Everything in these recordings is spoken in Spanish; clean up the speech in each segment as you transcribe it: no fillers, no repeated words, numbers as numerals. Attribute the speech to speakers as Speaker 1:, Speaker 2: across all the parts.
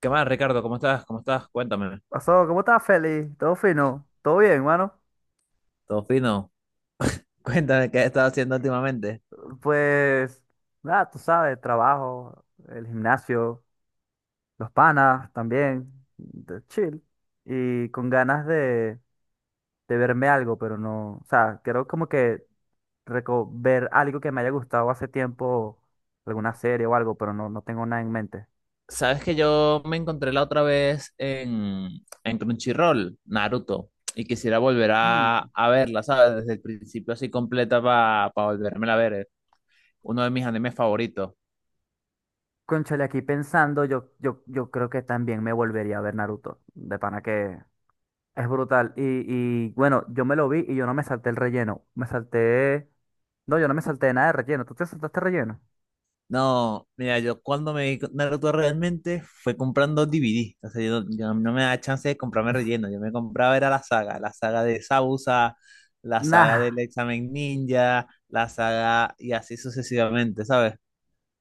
Speaker 1: ¿Qué más, Ricardo? ¿Cómo estás? ¿Cómo estás? Cuéntame.
Speaker 2: Pasó, ¿cómo estás, Feli? ¿Todo fino? ¿Todo bien, mano?
Speaker 1: ¿Todo fino? Cuéntame qué has estado haciendo últimamente.
Speaker 2: Pues, nada, tú sabes, trabajo, el gimnasio, los panas también, de chill. Y con ganas de verme algo, pero no, o sea, quiero como que ver algo que me haya gustado hace tiempo, alguna serie o algo, pero no tengo nada en mente.
Speaker 1: Sabes que yo me encontré la otra vez en Crunchyroll, Naruto, y quisiera volver a,
Speaker 2: Mm.
Speaker 1: a verla, ¿sabes? Desde el principio así completa para volverme a ver. Uno de mis animes favoritos.
Speaker 2: Cónchale, aquí pensando, yo creo que también me volvería a ver Naruto. De pana que es brutal. Y bueno, yo me lo vi y yo no me salté el relleno. Me salté. No, yo no me salté nada de relleno. ¿Tú te saltaste relleno?
Speaker 1: No, mira, yo cuando me vi con Naruto realmente fue comprando DVD. O sea, yo no me da chance de comprarme relleno. Yo me compraba era la saga de Sausa, la saga del
Speaker 2: Nah.
Speaker 1: examen ninja, la saga y así sucesivamente, ¿sabes?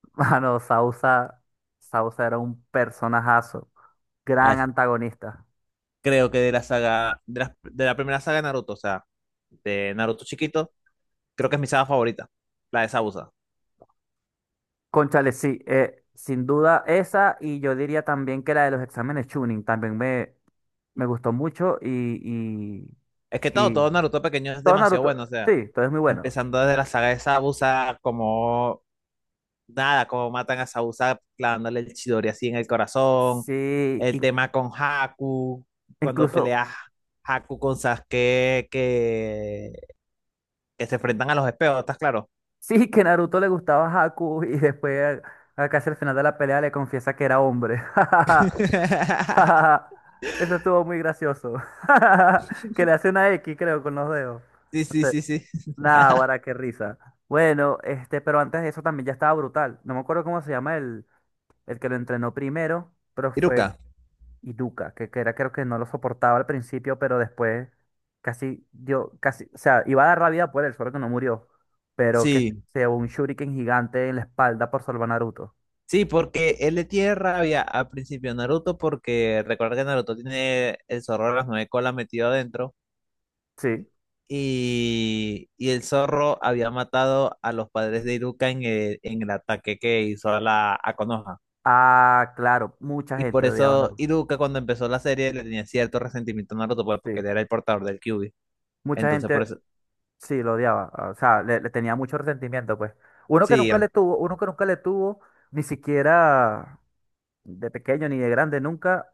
Speaker 2: Mano, Sausa. Sausa era un personajazo.
Speaker 1: Ah,
Speaker 2: Gran antagonista.
Speaker 1: Creo que de la saga, de la primera saga de Naruto, o sea, de Naruto chiquito, creo que es mi saga favorita, la de Sausa.
Speaker 2: Cónchale, sí. Sin duda esa. Y yo diría también que la de los exámenes Chunin. También me gustó mucho. Y,
Speaker 1: Es que
Speaker 2: y,
Speaker 1: todo,
Speaker 2: y
Speaker 1: todo Naruto pequeño es
Speaker 2: todo
Speaker 1: demasiado
Speaker 2: Naruto.
Speaker 1: bueno, o sea,
Speaker 2: Sí, todo es muy bueno.
Speaker 1: empezando desde la saga de Sausa, como nada, como matan a Sausa clavándole el Chidori así en el corazón,
Speaker 2: Sí.
Speaker 1: el tema con Haku, cuando
Speaker 2: Incluso.
Speaker 1: pelea Haku con Sasuke, que se enfrentan a los espejos, ¿estás claro?
Speaker 2: Sí, que Naruto le gustaba a Haku y después, a casi al final de la pelea, le confiesa que era hombre. Eso estuvo muy gracioso. Que le hace una X, creo, con los dedos.
Speaker 1: Sí,
Speaker 2: No
Speaker 1: sí,
Speaker 2: sé.
Speaker 1: sí, sí.
Speaker 2: Nah, guara, qué risa. Bueno, este, pero antes de eso también ya estaba brutal. No me acuerdo cómo se llama el que lo entrenó primero, pero
Speaker 1: Iruka.
Speaker 2: fue y Duca, que era creo que no lo soportaba al principio, pero después casi dio, casi, o sea, iba a dar la vida por él, solo que no murió, pero que
Speaker 1: Sí,
Speaker 2: se llevó un shuriken gigante en la espalda por salvar a Naruto.
Speaker 1: sí, porque él le tiene rabia al principio a Naruto, porque recuerda que Naruto tiene el zorro de las nueve colas metido adentro.
Speaker 2: Sí.
Speaker 1: Y el zorro había matado a los padres de Iruka en el ataque que hizo a la a Konoha.
Speaker 2: Ah, claro, mucha
Speaker 1: Y
Speaker 2: gente
Speaker 1: por
Speaker 2: odiaba a
Speaker 1: eso
Speaker 2: Naruto.
Speaker 1: Iruka cuando empezó la serie le tenía cierto resentimiento a Naruto pues, porque
Speaker 2: Sí.
Speaker 1: él era el portador del Kyuubi.
Speaker 2: Mucha
Speaker 1: Entonces por
Speaker 2: gente,
Speaker 1: eso…
Speaker 2: sí, lo odiaba, ah, o sea, le tenía mucho resentimiento, pues. Uno que
Speaker 1: Sí,
Speaker 2: nunca le
Speaker 1: an-
Speaker 2: tuvo, ni siquiera de pequeño ni de grande, nunca,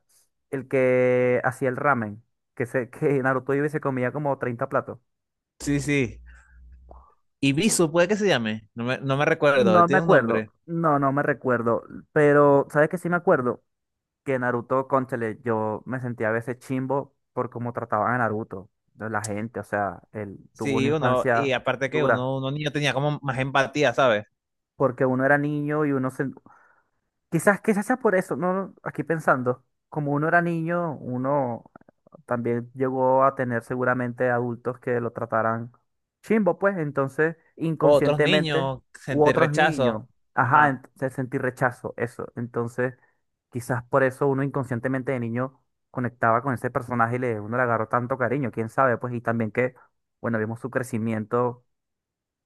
Speaker 2: el que hacía el ramen, que, se, que Naruto iba y se comía como 30 platos.
Speaker 1: sí, sí. Ibisu puede que se llame. No me recuerdo. Él
Speaker 2: No me
Speaker 1: tiene un
Speaker 2: acuerdo,
Speaker 1: nombre.
Speaker 2: no me recuerdo, pero ¿sabes qué sí me acuerdo? Que Naruto, cónchale, yo me sentía a veces chimbo por cómo trataban a Naruto, de la gente, o sea, él tuvo una
Speaker 1: Sí, uno. Y
Speaker 2: infancia
Speaker 1: aparte que
Speaker 2: dura,
Speaker 1: uno niño tenía como más empatía, ¿sabes?
Speaker 2: porque uno era niño y uno se... Quizás sea por eso, ¿no? Aquí pensando, como uno era niño, uno también llegó a tener seguramente adultos que lo trataran chimbo, pues entonces
Speaker 1: Otros
Speaker 2: inconscientemente,
Speaker 1: niños
Speaker 2: u
Speaker 1: sentir
Speaker 2: otros
Speaker 1: rechazo.
Speaker 2: niños, ajá,
Speaker 1: Ajá.
Speaker 2: entonces sentí rechazo, eso. Entonces, quizás por eso uno inconscientemente de niño conectaba con ese personaje y le, uno le agarró tanto cariño, quién sabe, pues, y también que, bueno, vimos su crecimiento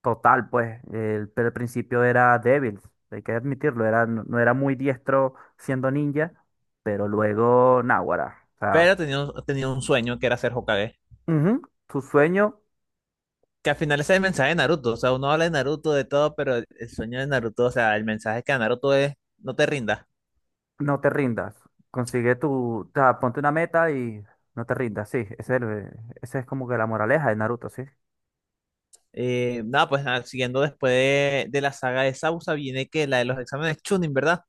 Speaker 2: total, pues, el, pero al principio era débil, hay que admitirlo, era, no era muy diestro siendo ninja, pero luego, náguara, o sea.
Speaker 1: Pero tenía un sueño que era ser Hokage.
Speaker 2: Ujú, tu sueño,
Speaker 1: Que al final ese es el mensaje de Naruto, o sea, uno habla de Naruto, de todo, pero el sueño de Naruto, o sea, el mensaje que da Naruto es, no te rindas.
Speaker 2: no te rindas. Consigue tu, o sea, ponte una meta y no te rindas, sí. Ese es como que la moraleja de Naruto, sí.
Speaker 1: Nada, pues nada, siguiendo después de la saga de Sausa, viene que la de los exámenes Chunin, ¿verdad?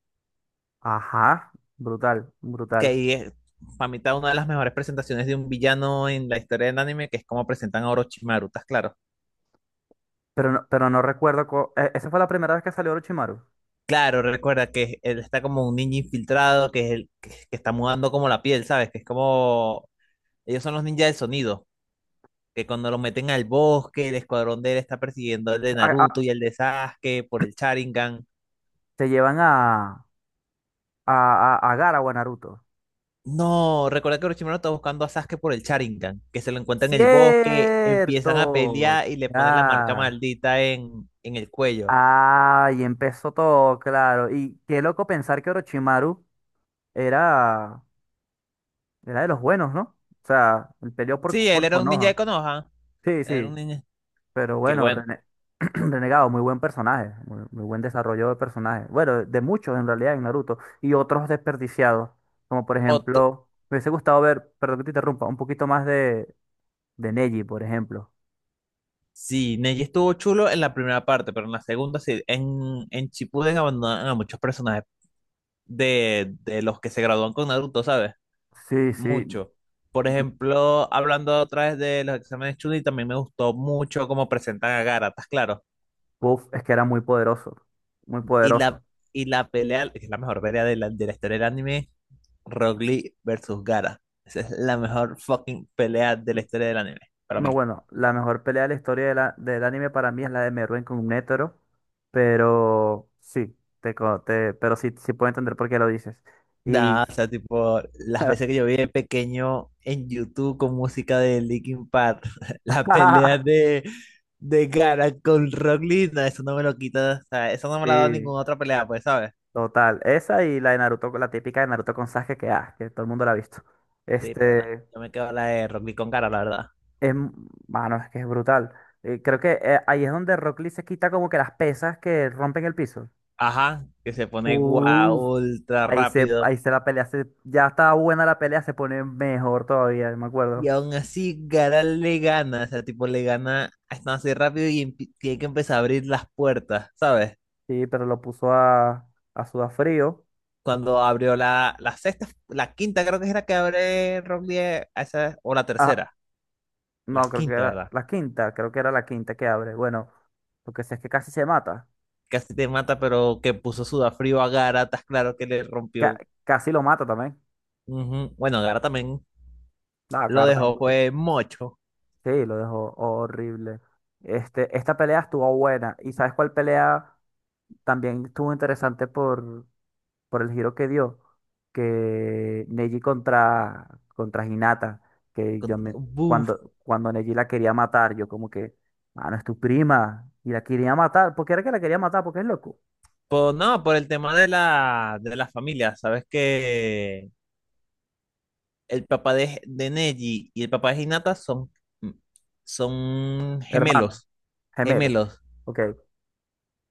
Speaker 2: Ajá, brutal,
Speaker 1: Que
Speaker 2: brutal.
Speaker 1: ahí es, para mí, está una de las mejores presentaciones de un villano en la historia del anime, que es como presentan a Orochimaru, ¿estás claro?
Speaker 2: Pero no recuerdo, esa fue la primera vez que salió Orochimaru.
Speaker 1: Claro, recuerda que él está como un ninja infiltrado, que es el que está mudando como la piel, ¿sabes? Que es como, ellos son los ninjas del sonido que cuando lo meten al bosque, el escuadrón de él está persiguiendo el de
Speaker 2: A- a-
Speaker 1: Naruto y el de Sasuke por el Sharingan.
Speaker 2: Te llevan a Gaara o a Naruto.
Speaker 1: No, recuerda que Orochimaru está buscando a Sasuke por el Sharingan, que se lo encuentra en el bosque, empiezan a
Speaker 2: Cierto,
Speaker 1: pelear y le ponen la marca
Speaker 2: ya.
Speaker 1: maldita en el cuello.
Speaker 2: Ah, y empezó todo, claro. Y qué loco pensar que Orochimaru era... Era de los buenos, ¿no? O sea, él peleó por,
Speaker 1: Sí, él
Speaker 2: por
Speaker 1: era un ninja de
Speaker 2: Konoha.
Speaker 1: Konoha,
Speaker 2: Sí,
Speaker 1: era un
Speaker 2: sí.
Speaker 1: ninja.
Speaker 2: Pero
Speaker 1: Que
Speaker 2: bueno,
Speaker 1: bueno,
Speaker 2: Renegado, muy buen personaje. Muy, muy buen desarrollo de personaje. Bueno, de muchos en realidad en Naruto. Y otros desperdiciados. Como por
Speaker 1: otro-
Speaker 2: ejemplo, me hubiese gustado ver, perdón que te interrumpa, un poquito más de Neji, por ejemplo.
Speaker 1: Sí, Neji estuvo chulo en la primera parte, pero en la segunda sí, en Shippuden abandonan a muchos personajes de los que se gradúan con Naruto, ¿sabes?
Speaker 2: Sí, sí.
Speaker 1: Mucho. Por ejemplo, hablando otra vez de los exámenes Chunin, también me gustó mucho cómo presentan a Gaara, ¿estás claro?
Speaker 2: Uf, es que era muy poderoso. Muy
Speaker 1: Y
Speaker 2: poderoso.
Speaker 1: la, y la pelea, que es la mejor pelea de de la historia del anime, Rock Lee versus Gara. Esa es la mejor fucking pelea de la historia del anime, para
Speaker 2: No,
Speaker 1: mí.
Speaker 2: bueno, la mejor pelea de la historia de del anime para mí es la de Meruem con Netero, pero sí, puedo entender por qué lo dices. Y
Speaker 1: Da, o sea, tipo, las veces que yo vi de pequeño en YouTube con música de Linkin Park, la pelea de Gara con Rock Lee, no, eso no me lo quita, o sea, eso no me la ha dado
Speaker 2: sí,
Speaker 1: ninguna otra pelea, pues, ¿sabes?
Speaker 2: total, esa y la de Naruto, la típica de Naruto con Sasuke que, ah, que todo el mundo la ha visto.
Speaker 1: Sí, pero no,
Speaker 2: Este,
Speaker 1: yo me quedo la de Rock Lee con cara, la verdad.
Speaker 2: es, m- mano, es que es brutal. Creo que ahí es donde Rock Lee se quita como que las pesas que rompen el piso.
Speaker 1: Ajá. Que se pone guau,
Speaker 2: Uf.
Speaker 1: ultra
Speaker 2: Ahí se,
Speaker 1: rápido.
Speaker 2: ahí se la pelea, ya estaba buena la pelea, se pone mejor todavía, me
Speaker 1: Y
Speaker 2: acuerdo.
Speaker 1: aún así, Garal le gana. O sea, tipo, le gana a así rápido y tiene que empezar a abrir las puertas, ¿sabes?
Speaker 2: Sí, pero lo puso a Sudafrío.
Speaker 1: Cuando abrió la sexta, la quinta creo que es la que abre Rock Lee, a esa, o la
Speaker 2: Ah,
Speaker 1: tercera. La
Speaker 2: no,
Speaker 1: quinta, ¿verdad?
Speaker 2: creo que era la quinta que abre. Bueno, lo que sé es que casi se mata.
Speaker 1: Casi te mata, pero que puso sudafrío a Gara, estás claro que le
Speaker 2: Ca-
Speaker 1: rompió.
Speaker 2: Casi lo mata también.
Speaker 1: Ujú. Bueno, Gara también
Speaker 2: La
Speaker 1: lo
Speaker 2: carta.
Speaker 1: dejó,
Speaker 2: Bueno,
Speaker 1: fue mocho.
Speaker 2: sí, lo dejó horrible. Este, esta pelea estuvo buena. ¿Y sabes cuál pelea también estuvo interesante por el giro que dio, que Neji contra Hinata, que yo
Speaker 1: Con-
Speaker 2: me,
Speaker 1: Buf,
Speaker 2: cuando Neji la quería matar, yo como que, mano, es tu prima, y la quería matar, porque era que la quería matar, porque es loco,
Speaker 1: Pues no, por el tema de de la familia, sabes que el papá de Neji y el papá de Hinata son, son
Speaker 2: hermano,
Speaker 1: gemelos,
Speaker 2: gemelo,
Speaker 1: gemelos.
Speaker 2: ok,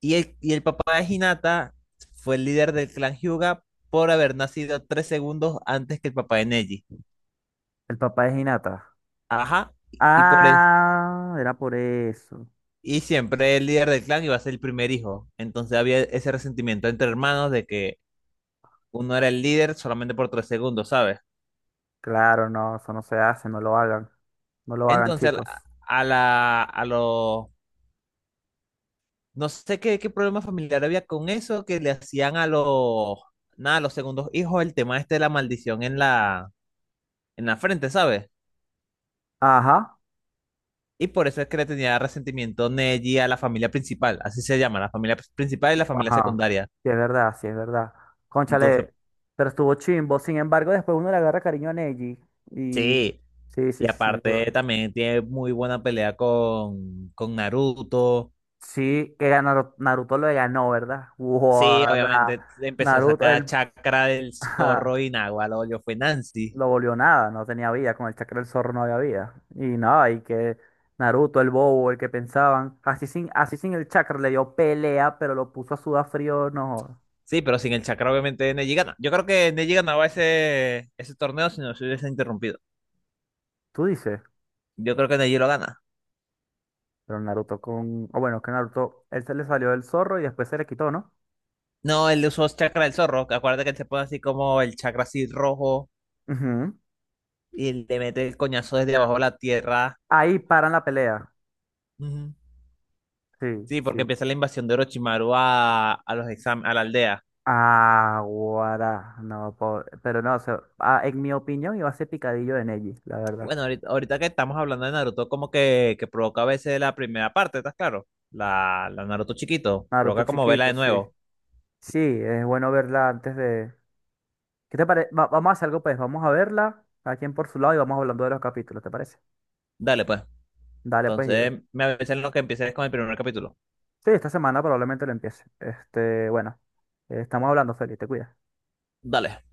Speaker 1: Y y el papá de Hinata fue el líder del clan Hyuga por haber nacido tres segundos antes que el papá de Neji.
Speaker 2: el papá de Hinata.
Speaker 1: Ajá, y por eso,
Speaker 2: Ah, era por eso.
Speaker 1: y siempre el líder del clan iba a ser el primer hijo. Entonces había ese resentimiento entre hermanos de que uno era el líder solamente por tres segundos, ¿sabes?
Speaker 2: Claro, no, eso no se hace, no lo hagan, no lo hagan,
Speaker 1: Entonces, a la,
Speaker 2: chicos.
Speaker 1: a la- a los, no sé qué, qué problema familiar había con eso, que le hacían a los, nada, a los segundos hijos el tema este de la maldición en en la frente, ¿sabes?
Speaker 2: Ajá.
Speaker 1: Y por eso es que le tenía resentimiento Neji a la familia principal, así se llama, la familia principal y la familia
Speaker 2: Ajá,
Speaker 1: secundaria.
Speaker 2: sí es verdad, sí es verdad.
Speaker 1: Entonces,
Speaker 2: Cónchale, pero estuvo chimbo. Sin embargo, después uno le agarra cariño a Neji. Y
Speaker 1: sí,
Speaker 2: sí, sí, sí,
Speaker 1: y
Speaker 2: sin
Speaker 1: aparte
Speaker 2: duda.
Speaker 1: también tiene muy buena pelea con Naruto.
Speaker 2: Sí, que Naruto, lo ganó, ¿verdad?
Speaker 1: Sí,
Speaker 2: Guarda,
Speaker 1: obviamente le empezó a
Speaker 2: Naruto,
Speaker 1: sacar
Speaker 2: él
Speaker 1: chakra del
Speaker 2: ajá,
Speaker 1: zorro y Nahual, yo fue Nancy.
Speaker 2: lo volvió nada, no tenía vida, con el chakra del zorro no había vida. Y nada, y que Naruto, el bobo, el que pensaban, así sin el chakra le dio pelea, pero lo puso a sudar frío, no.
Speaker 1: Sí, pero sin el chakra, obviamente, Neji gana. Yo creo que Neji ganaba ese torneo si no se hubiese interrumpido.
Speaker 2: ¿Tú dices?
Speaker 1: Yo creo que Neji lo gana.
Speaker 2: Pero Naruto con... O bueno, que Naruto, él se le salió del zorro y después se le quitó, ¿no?
Speaker 1: No, él usó chakra del zorro. Que Acuérdate que él se pone así como el chakra así rojo
Speaker 2: Ujú.
Speaker 1: y le mete el coñazo desde abajo de la tierra.
Speaker 2: Ahí paran la pelea.
Speaker 1: Ujú.
Speaker 2: Sí,
Speaker 1: Sí, porque
Speaker 2: sí.
Speaker 1: empieza la invasión de Orochimaru a la aldea.
Speaker 2: Ah, guará. No, pero no, o sea, ah, en mi opinión iba a ser picadillo de Neji, la verdad.
Speaker 1: Bueno, ahorita que estamos hablando de Naruto, como que provoca a veces la primera parte, ¿estás claro? La Naruto chiquito.
Speaker 2: Naruto
Speaker 1: Provoca como vela
Speaker 2: chiquito,
Speaker 1: de
Speaker 2: sí.
Speaker 1: nuevo.
Speaker 2: Sí, es bueno verla antes de... ¿Qué te parece? Vamos a hacer algo, pues. Vamos a verla, cada quien por su lado, y vamos hablando de los capítulos, ¿te parece?
Speaker 1: Dale, pues.
Speaker 2: Dale, pues, yo.
Speaker 1: Entonces, me avisan lo que empieces con el primer capítulo.
Speaker 2: Sí, esta semana probablemente lo empiece. Este, bueno, estamos hablando, Feli, te cuidas.
Speaker 1: Dale.